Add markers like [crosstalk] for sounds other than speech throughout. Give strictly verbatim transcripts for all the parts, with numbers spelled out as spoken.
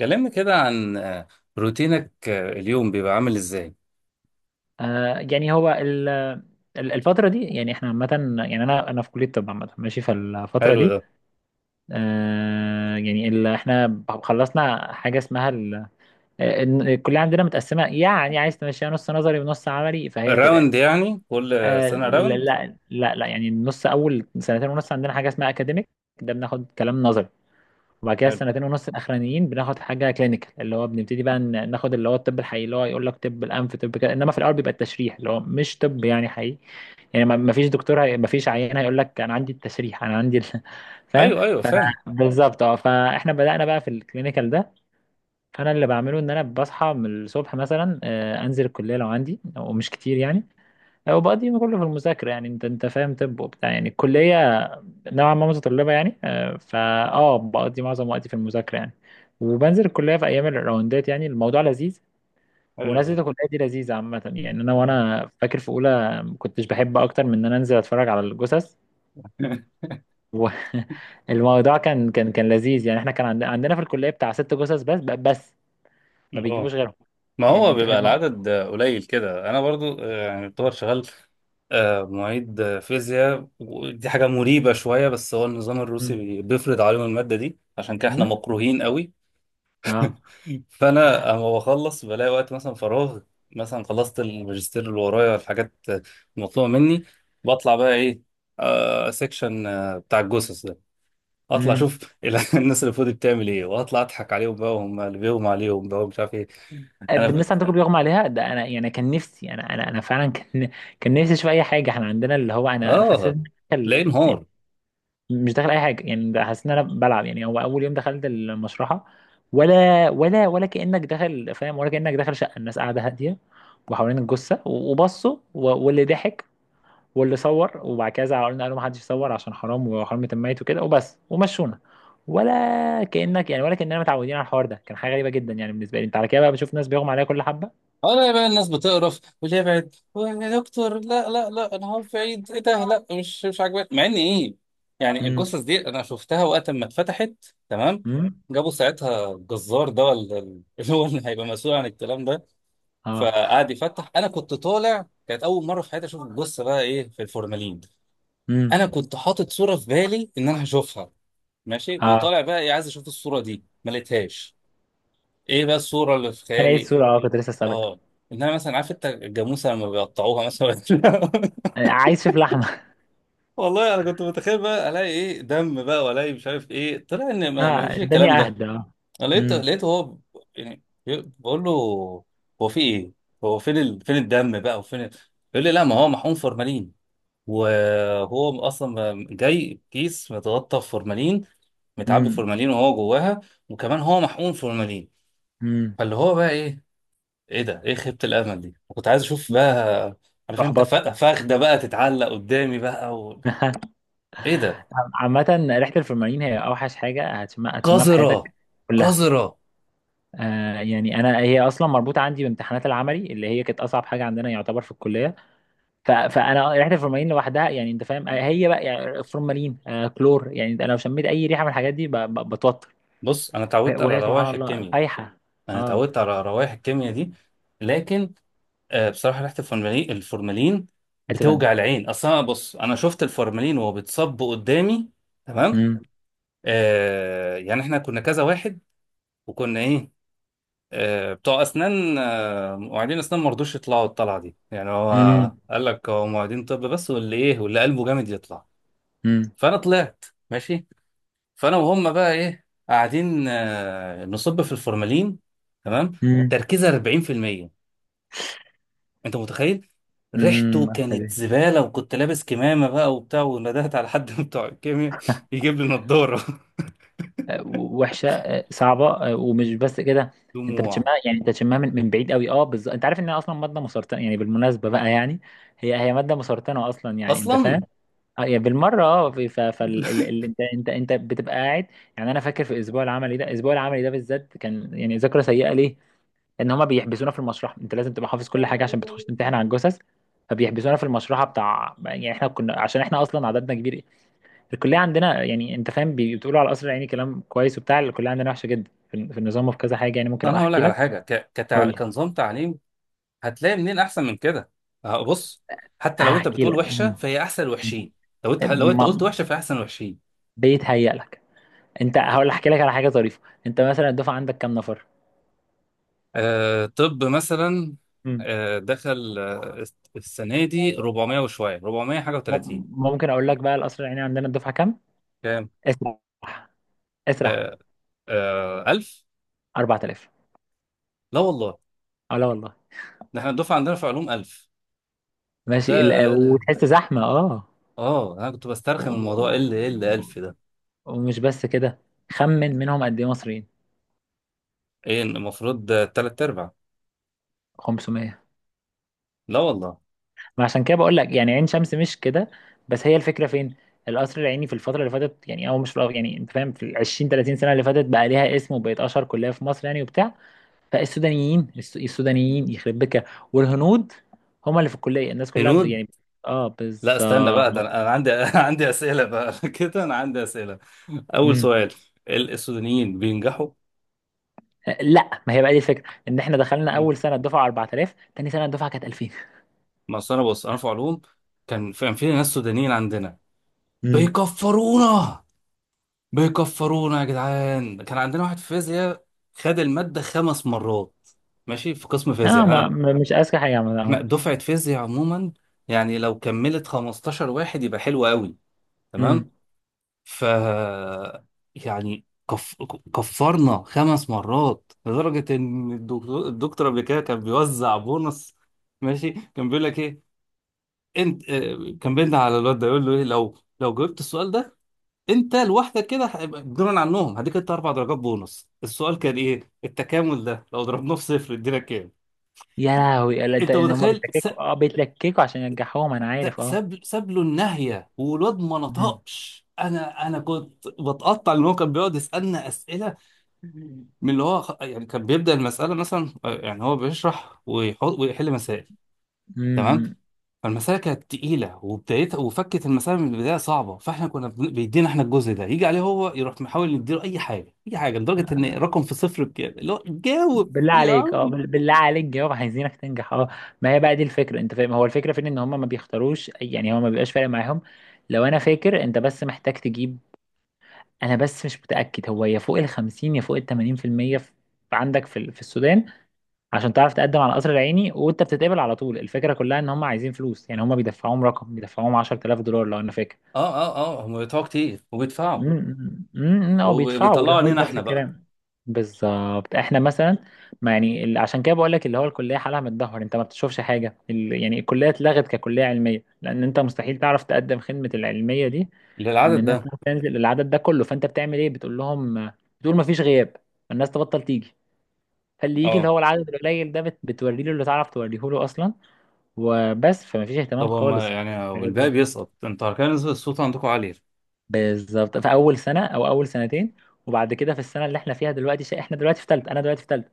كلمني كده عن آه، روتينك، آه، اليوم بيبقى عامل ازاي؟ آه يعني هو ال- ال- الفترة دي، يعني احنا عامة، يعني انا انا في كلية طب عامة ماشي. فالفترة حلو دي ده. آه يعني ال- احنا خلصنا حاجة اسمها ال- ال- الكلية عندنا متقسمة، يعني عايز تمشيها نص نظري ونص عملي، فهي كده يعني راوند يعني كل آه، آه سنة لا راوند؟ لا لا لا، يعني النص، اول سنتين ونص عندنا حاجة اسمها اكاديميك، ده بناخد كلام نظري. وبعد كده حلو. السنتين ونص الاخرانيين بناخد حاجه كلينيكال، اللي هو بنبتدي بقى ن- ناخد اللي هو الطب الحقيقي، اللي هو يقول لك طب الانف، طب كده. انما في الاول بيبقى التشريح اللي هو مش طب يعني حقيقي. يعني ما ما فيش دكتور هي... ما فيش عيان هيقول لك انا عندي التشريح، انا عندي ال... [laughs] فاهم. ايوه ايوه، ف- فاهم. بالظبط. اه، فاحنا بدأنا بقى في الكلينيكال ده. فانا اللي بعمله ان انا بصحى من الصبح مثلا، آه، انزل الكليه لو عندي، ومش كتير يعني. هو بقى دي كله في المذاكرة، يعني انت انت فاهم، طب وبتاع. يعني الكلية نوعا ما متطلبة يعني، آه، فا اه بقضي معظم وقتي في المذاكرة يعني. وبنزل الكلية في أيام الراوندات، يعني الموضوع لذيذ. حلو ونزلة ده. الكلية دي لذيذة عامة. يعني أنا اه. وأنا فاكر في أولى ما كنتش بحب أكتر من إن أنا أنزل أتفرج على الجثث. [laughs] والموضوع [laughs] كان كان كان لذيذ يعني. إحنا كان عند- عندنا في الكلية بتاع ست جثث بس بس، ما اه، بيجيبوش غيرهم. ما يعني هو أنت بيبقى فاهم. العدد آه، قليل كده. انا برضو آه، يعني يعتبر شغال آه، معيد آه، فيزياء، ودي حاجة مريبة شوية، بس هو النظام الروسي مم. بي- بيفرض عليهم المادة دي، عشان كده احنا مم؟ مكروهين قوي. اه. [laughs] فانا اما بخلص بلاقي وقت مثلا فراغ، مثلا خلصت الماجستير، اللي ورايا الحاجات المطلوبه مني، بطلع بقى ايه؟ آه، سيكشن آه بتاع الجثث ده، اطلع مم. اشوف ال- [laughs] الناس اللي فوق دي بتعمل ايه، واطلع اضحك عليهم بقى، وهم اللي بيهم عليهم بقى، ومش عارف ايه. انا بالناس ف... عندكم بيغمى عليها؟ ده انا يعني كان نفسي، انا انا انا فعلا كان كان نفسي اشوف اي حاجه. احنا عندنا اللي هو، انا انا حسيت اه، إن أنا تلاقيه داخل- يعني نهار. مش داخل اي حاجه يعني. ده حسيت ان انا بلعب، يعني هو اول يوم دخلت المشرحه، ولا ولا ولا كانك داخل، فاهم؟ ولا كانك داخل شقه، الناس قاعده هاديه وحوالين الجثه وبصوا و- واللي ضحك واللي صور، وبعد كده زعلوا قالوا ما حدش يصور عشان حرام وحرمه الميت وكده، وبس ومشونا. ولا كانك يعني ولا كاننا متعودين على الحوار ده. كان حاجه غريبه جدا يعني بالنسبه لي. انت على كده بقى بشوف ناس بيغمى عليها كل حبه. انا بقى الناس بتقرف واللي يبعد يا دكتور، لا لا لا، انا هو بعيد ايه ده؟ لا مش مش عاجباني، مع ان ايه، يعني امم. الجثث دي انا شفتها وقت ما اتفتحت. تمام، امم. جابوا ساعتها الجزار ده ولا ال- [laughs] اللي هو اللي هيبقى مسؤول عن الكلام ده، اه. فقعد يفتح. انا كنت طالع، كانت اول مره في حياتي اشوف الجثه بقى ايه في الفورمالين. امم. انا كنت حاطط صوره في بالي ان انا هشوفها، ماشي، اه، وطالع بقى ايه عايز اشوف الصوره دي، ما لقيتهاش. ايه بقى الصوره اللي في كان ايه خيالي؟ السورة؟ اه، كنت لسه اسالك. اه، انها مثلا، عارف انت الجاموسه لما بيقطعوها مثلا [laughs] عايز اشوف لحمه. [laughs] والله انا كنت متخيل بقى الاقي ايه، دم بقى، والاقي مش عارف ايه، طلع ان ما ما اه، فيش الكلام الدنيا ده. اهدى، اه. انا لقيت امم. لقيته هو ب- يعني بي- بقول له هو في ايه، هو فين ال... فين الدم بقى وفين ال...؟ يقول لي لا، ما هو محقون فورمالين، وهو اصلا م- جاي كيس متغطى بفورمالين، متعبي امم. فورمالين وهو جواها، وكمان هو محقون فورمالين. امم. فاللي هو بقى ايه، ايه ده، ايه خيبة الامل دي، كنت عايز اشوف بقى. عارف انت احبط. فا- فخده بقى تتعلق قدامي بقى و... ايه ده. عامة ريحة الفورمالين هي اوحش حاجة هتشمها، هتشمها في قذرة. حياتك كلها. قذرة. آه يعني انا، هي اصلا مربوطة عندي بامتحانات العملي اللي هي كانت اصعب حاجة عندنا يعتبر في الكلية. ف... فانا ريحة الفورمالين لوحدها، يعني انت فاهم، آه، هي بقى يعني فورمالين، آه كلور. يعني انا لو شميت اي ريحة من الحاجات دي ب... ب... بتوتر. بص انا اتعودت على وهي سبحان روائح الله الكيمياء. فايحة. انا اه، اتعودت على روائح الكيمياء دي، لكن آه بصراحة ريحة الفورمالين الفورمالين حتة بتوجع تانية. العين اصلا. بص انا شفت الفورمالين وهو بيتصب قدامي. تمام. مم. آه يعني احنا كنا كذا واحد، وكنا ايه، آه، بتوع اسنان، آه، مواعيدين اسنان، ما رضوش يطلعوا الطلعه دي. يعني مم. هو قال لك هو مواعيدين طب، بس واللي ايه واللي قلبه جامد يطلع. مم. فانا طلعت، ماشي. فانا وهم بقى ايه قاعدين آه، نصب في الفورمالين، تمام، مم. تركيزه أربعين في المية. انت متخيل؟ ريحته مم. وحشة كانت دي. زباله، وكنت لابس كمامه بقى وبتاع، وندهت على حد من بتوع الكيمياء يجيب لي نضاره. آه، وحشة، آه، صعبة. آه، ومش بس كده، [laughs] انت بتشمها، دموع. يعني انت بتشمها من, من بعيد قوي. اه، بالظبط. انت عارف انها اصلا مادة مسرطنة يعني، بالمناسبة بقى يعني، هي هي مادة مسرطنة اصلا، يعني انت فاهم. اصلا اه، يعني بالمرة، اه، في- ف فال ال... ال... انت انت انت بتبقى قاعد. يعني انا فاكر في الاسبوع العملي ده، الاسبوع العملي ده بالذات كان يعني ذاكرة سيئة ليه؟ لان هما بيحبسونا في المشرحة، انت لازم تبقى حافظ كل حاجة عشان بتخش تمتحن على الجثث. فبيحبسونا في المشرحه بتاع. يعني احنا كنا، عشان احنا اصلا عددنا كبير. الكليه عندنا، يعني انت فاهم، بي- بتقولوا على القصر العيني كلام كويس وبتاع، الكليه عندنا وحشه جدا في ال- في النظام وفي كذا حاجه يعني. ممكن ابقى انا هقول احكي لك على لك، حاجه ك- كتع- هقول لك، كنظام تعليم، هتلاقي منين احسن من كده؟ آه، بص، حتى لو انت هحكي بتقول لك. وحشه مم. فهي احسن الوحشين. لو انت لو انت قلت ما- وحشه فهي احسن الوحشين. بيتهيأ لك. انت، هقول احكي لك على حاجه طريفه. انت مثلا الدفعه عندك كام نفر؟ آه طب مثلا، مم. آه دخل آه السنه دي أربعمية وشويه، أربعمية حاجه مم. وتلاتين. ممكن اقول لك بقى القصر العيني عندنا الدفعه كام؟ كام؟ اسرح، اسرح. آه، آه، ألف. أربعة آلاف. لا والله، اه، لا والله. ده احنا الدفعه عندنا في علوم ألف. ماشي، وده ال- ده ده- وتحس زحمه، اه. اه انا كنت و- بسترخي من الموضوع، ايه اللي، ايه اللي ألف و- ده؟ ومش بس كده، خمن منهم قد ايه مصريين. ايه المفروض آه، تلات ارباع؟ خمسمية. لا والله. ما عشان كده بقول لك، يعني عين شمس مش كده. بس هي الفكره فين؟ القصر العيني في الفتره اللي فاتت، يعني او مش في الأ- يعني انت فاهم، في ال العشرين تلاتين سنه اللي فاتت بقى ليها اسم، وبقت اشهر كليه في مصر يعني وبتاع. فالسودانيين، الس- السودانيين يخرب بك، والهنود، هما اللي في الكليه، الناس كلها ب- هنود؟ يعني. اه، لا استنى بقى، ده بالظبط. انا أنا عندي [laughs] عندي اسئله بقى، [laughs] كده انا عندي اسئله. اول مم. سؤال، ال- السودانيين بينجحوا؟ لا، ما هي بقى دي الفكره، ان احنا دخلنا مم. اول سنه الدفعه أربعة آلاف، تاني سنه الدفعه كانت ألفين. ما أصل انا، بص انا في علوم، كان في، كان في ناس سودانيين عندنا امم. بيكفرونا. بيكفرونا يا جدعان. كان عندنا واحد في فيزياء خد المادة خمس مرات، ماشي، في قسم فيزياء اه، ما احنا. ما- مش اذكى حاجه عملها، احنا اه. دفعة فيزياء عموما يعني لو كملت خمستاشر واحد يبقى حلو قوي، تمام. امم. ف، يعني كف... كفرنا خمس مرات لدرجة إن الدكتور الدكتور قبل كده كان بيوزع بونص. ماشي، كان بيقول لك إيه، أنت، آه، كان بينا على الواد ده يقول له إيه، لو لو جاوبت السؤال ده أنت لوحدك كده هيبقى بدون عنهم، هديك أنت أربع درجات بونص. السؤال كان إيه؟ التكامل ده لو ضربناه في صفر إدينا كام؟ يا لهوي. لا، أنت ده- ان هم متخيل؟ س... بيتلككوا، اه بيتلككوا عشان ينجحوهم، انا عارف، ت- اه. ساب ساب له الناهية والواد ما مم. نطقش. أنا أنا كنت بتقطع إن هو كان بيقعد يسألنا أسئلة من اللي هو خ- يعني كان بيبدأ المسألة مثلا، آه، يعني هو بيشرح ويحط ويحل مسائل، تمام. مم. فالمسألة كانت تقيلة، وبدايتها وفكت المسألة من البداية صعبة، فاحنا كنا بن- بيدينا احنا الجزء ده، يجي عليه هو يروح محاول نديله أي حاجة، أي حاجة، لدرجة إن آه، رقم في صفر بكام؟ اللي هو جاوب بالله يا عليك، اه، عم. بال- بالله عليك جاوب، عايزينك تنجح، اه. ما هي بقى دي الفكره، انت فاهم، هو الفكره فين، ان هم ما بيختاروش يعني، هو ما بيبقاش فارق معاهم. لو انا فاكر، انت بس محتاج تجيب. انا بس مش متاكد، هو يا فوق ال الخمسين يا فوق ال تمانين في المية في المية، في عندك في ال- في السودان، عشان تعرف تقدم على القصر العيني، وانت بتتقبل على طول. الفكره كلها ان هم عايزين فلوس، يعني هم بيدفعوهم رقم، بيدفعوهم عشرة آلاف دولار لو انا فاكر. اه. اه اه، هم بيدفعوا كتير وبيدفعوا، امم. امم. او بيدفعوا وبيطلعوا الهنود علينا نفس احنا بقى. الكلام. بالظبط. احنا مثلا، ما يعني ال- عشان كده بقول لك اللي هو الكليه حالها متدهور. انت ما بتشوفش حاجه ال- يعني الكليه اتلغت ككليه علميه. لان انت مستحيل تعرف تقدم خدمه العلميه دي، ان للعدد الناس ده. تنزل العدد ده كله. فانت بتعمل ايه؟ بتقول لهم بتقول ما فيش غياب، الناس تبطل تيجي. فاللي يجي اللي اه. هو العدد القليل ده، بت- بتوري له اللي تعرف توريه له اصلا، وبس. فما فيش اهتمام طب هما خالص. يعني والباقي بيسقط، انتوا كان نسبة الصوت عندكم عالية؟ بالظبط. في اول سنه او اول سنتين، وبعد كده في السنه اللي احنا فيها دلوقتي، ش... احنا دلوقتي في ثالثه، انا دلوقتي في ثالثه،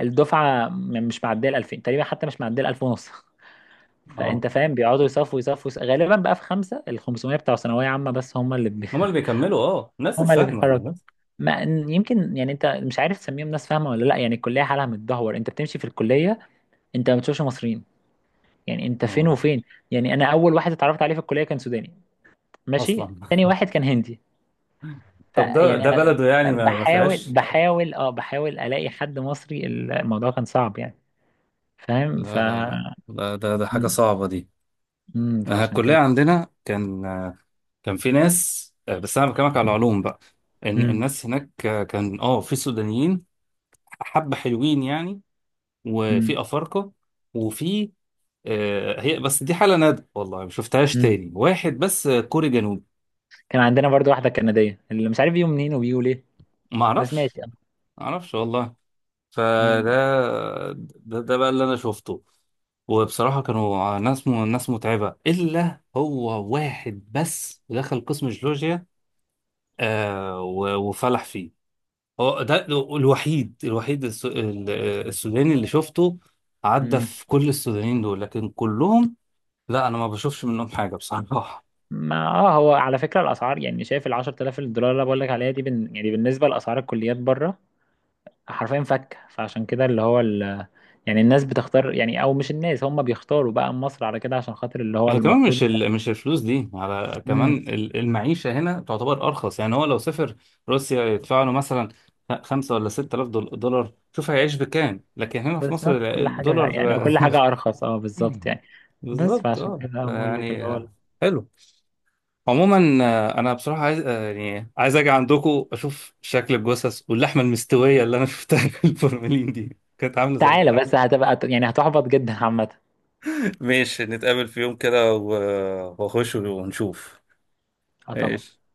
الدفعه م- مش معديه ال الألفين تقريبا، حتى مش معديه ال الألف ونص. [laughs] اه، فانت فاهم، بيقعدوا يصفوا يصفوا يص- غالبا بقى في خمسه ال الخمسمية بتوع ثانويه عامه، بس هم اللي بي... هما اللي بيكملوا، اه [laughs] الناس هم اللي الفاهمة. بيتحركوا. ما يمكن يعني انت مش عارف تسميهم ناس فاهمه ولا لا، يعني الكليه حالها متدهور. انت بتمشي في الكليه، انت ما بتشوفش مصريين، يعني انت فين اه. وفين. يعني انا اول واحد اتعرفت عليه في الكليه كان سوداني، ماشي، اصلا. تاني واحد كان هندي. طب ده فيعني ده انا بلده يعني ما ما بحاول فيهاش. بحاول اه، بحاول الاقي حد مصري، الموضوع كان صعب يعني. فاهم؟ ف لا لا لا لا، ده ده حاجة مم. صعبة دي. مم. آه، فعشان الكلية كده. عندنا كان، آه، كان في ناس، آه، بس أنا بكلمك على العلوم بقى، إن مم. الناس هناك آه، كان اه في سودانيين حبة حلوين يعني، مم. وفي أفارقة، وفي آه، هي بس دي حالة نادرة والله ما شفتهاش مم. تاني، واحد بس آه، كوري جنوبي. كان عندنا برضو واحده كنديه اللي مش عارف بيو منين وبيو ليه، بس معرفش. ماشي يعني. معرفش والله. فده، مم. ده، ده بقى اللي انا شفته. وبصراحة كانوا ناس، ناس متعبة إلا هو واحد بس دخل قسم جيولوجيا، آه، و- وفلح فيه، هو ده الوحيد. الوحيد الس- ال- السوداني اللي شفته. عدى مم. في كل السودانيين دول، لكن كلهم، لا أنا ما بشوفش منهم حاجة بصراحة. ما اه، هو على فكره الاسعار، يعني شايف ال العشرة آلاف الدولار اللي بقول لك عليها دي بن... يعني بالنسبه لاسعار الكليات بره، حرفيا فكه. فعشان كده اللي هو ال... يعني الناس بتختار، يعني او مش الناس هم بيختاروا بقى مصر على كده، عشان خاطر اللي هو هي كمان مش المفروض. ال... مش الفلوس دي، على كمان مم. ال- المعيشة هنا تعتبر أرخص. يعني هو لو سافر روسيا يدفع له مثلا خ- خمسة ولا ستة آلاف دول- دولار، شوف هيعيش بكام، لكن هنا في مصر ال- بالظبط كل حاجة، يعني الدولار كل [laughs] حاجة أرخص، اه بالظبط يعني. بس بالظبط فعشان اه، كده بقول لك اللي يعني هو، آه، حلو. عموما آه، انا بصراحه عايز آه، يعني عايز اجي عندكم اشوف شكل الجثث، واللحمه المستويه اللي انا شفتها في الفورمالين دي كانت عامله زي، تعالى بس هتبقى يعني هتحبط جدا عامة. ماشي، نتقابل في يوم كده و- واخش ونشوف. اه طبعا. ماشي.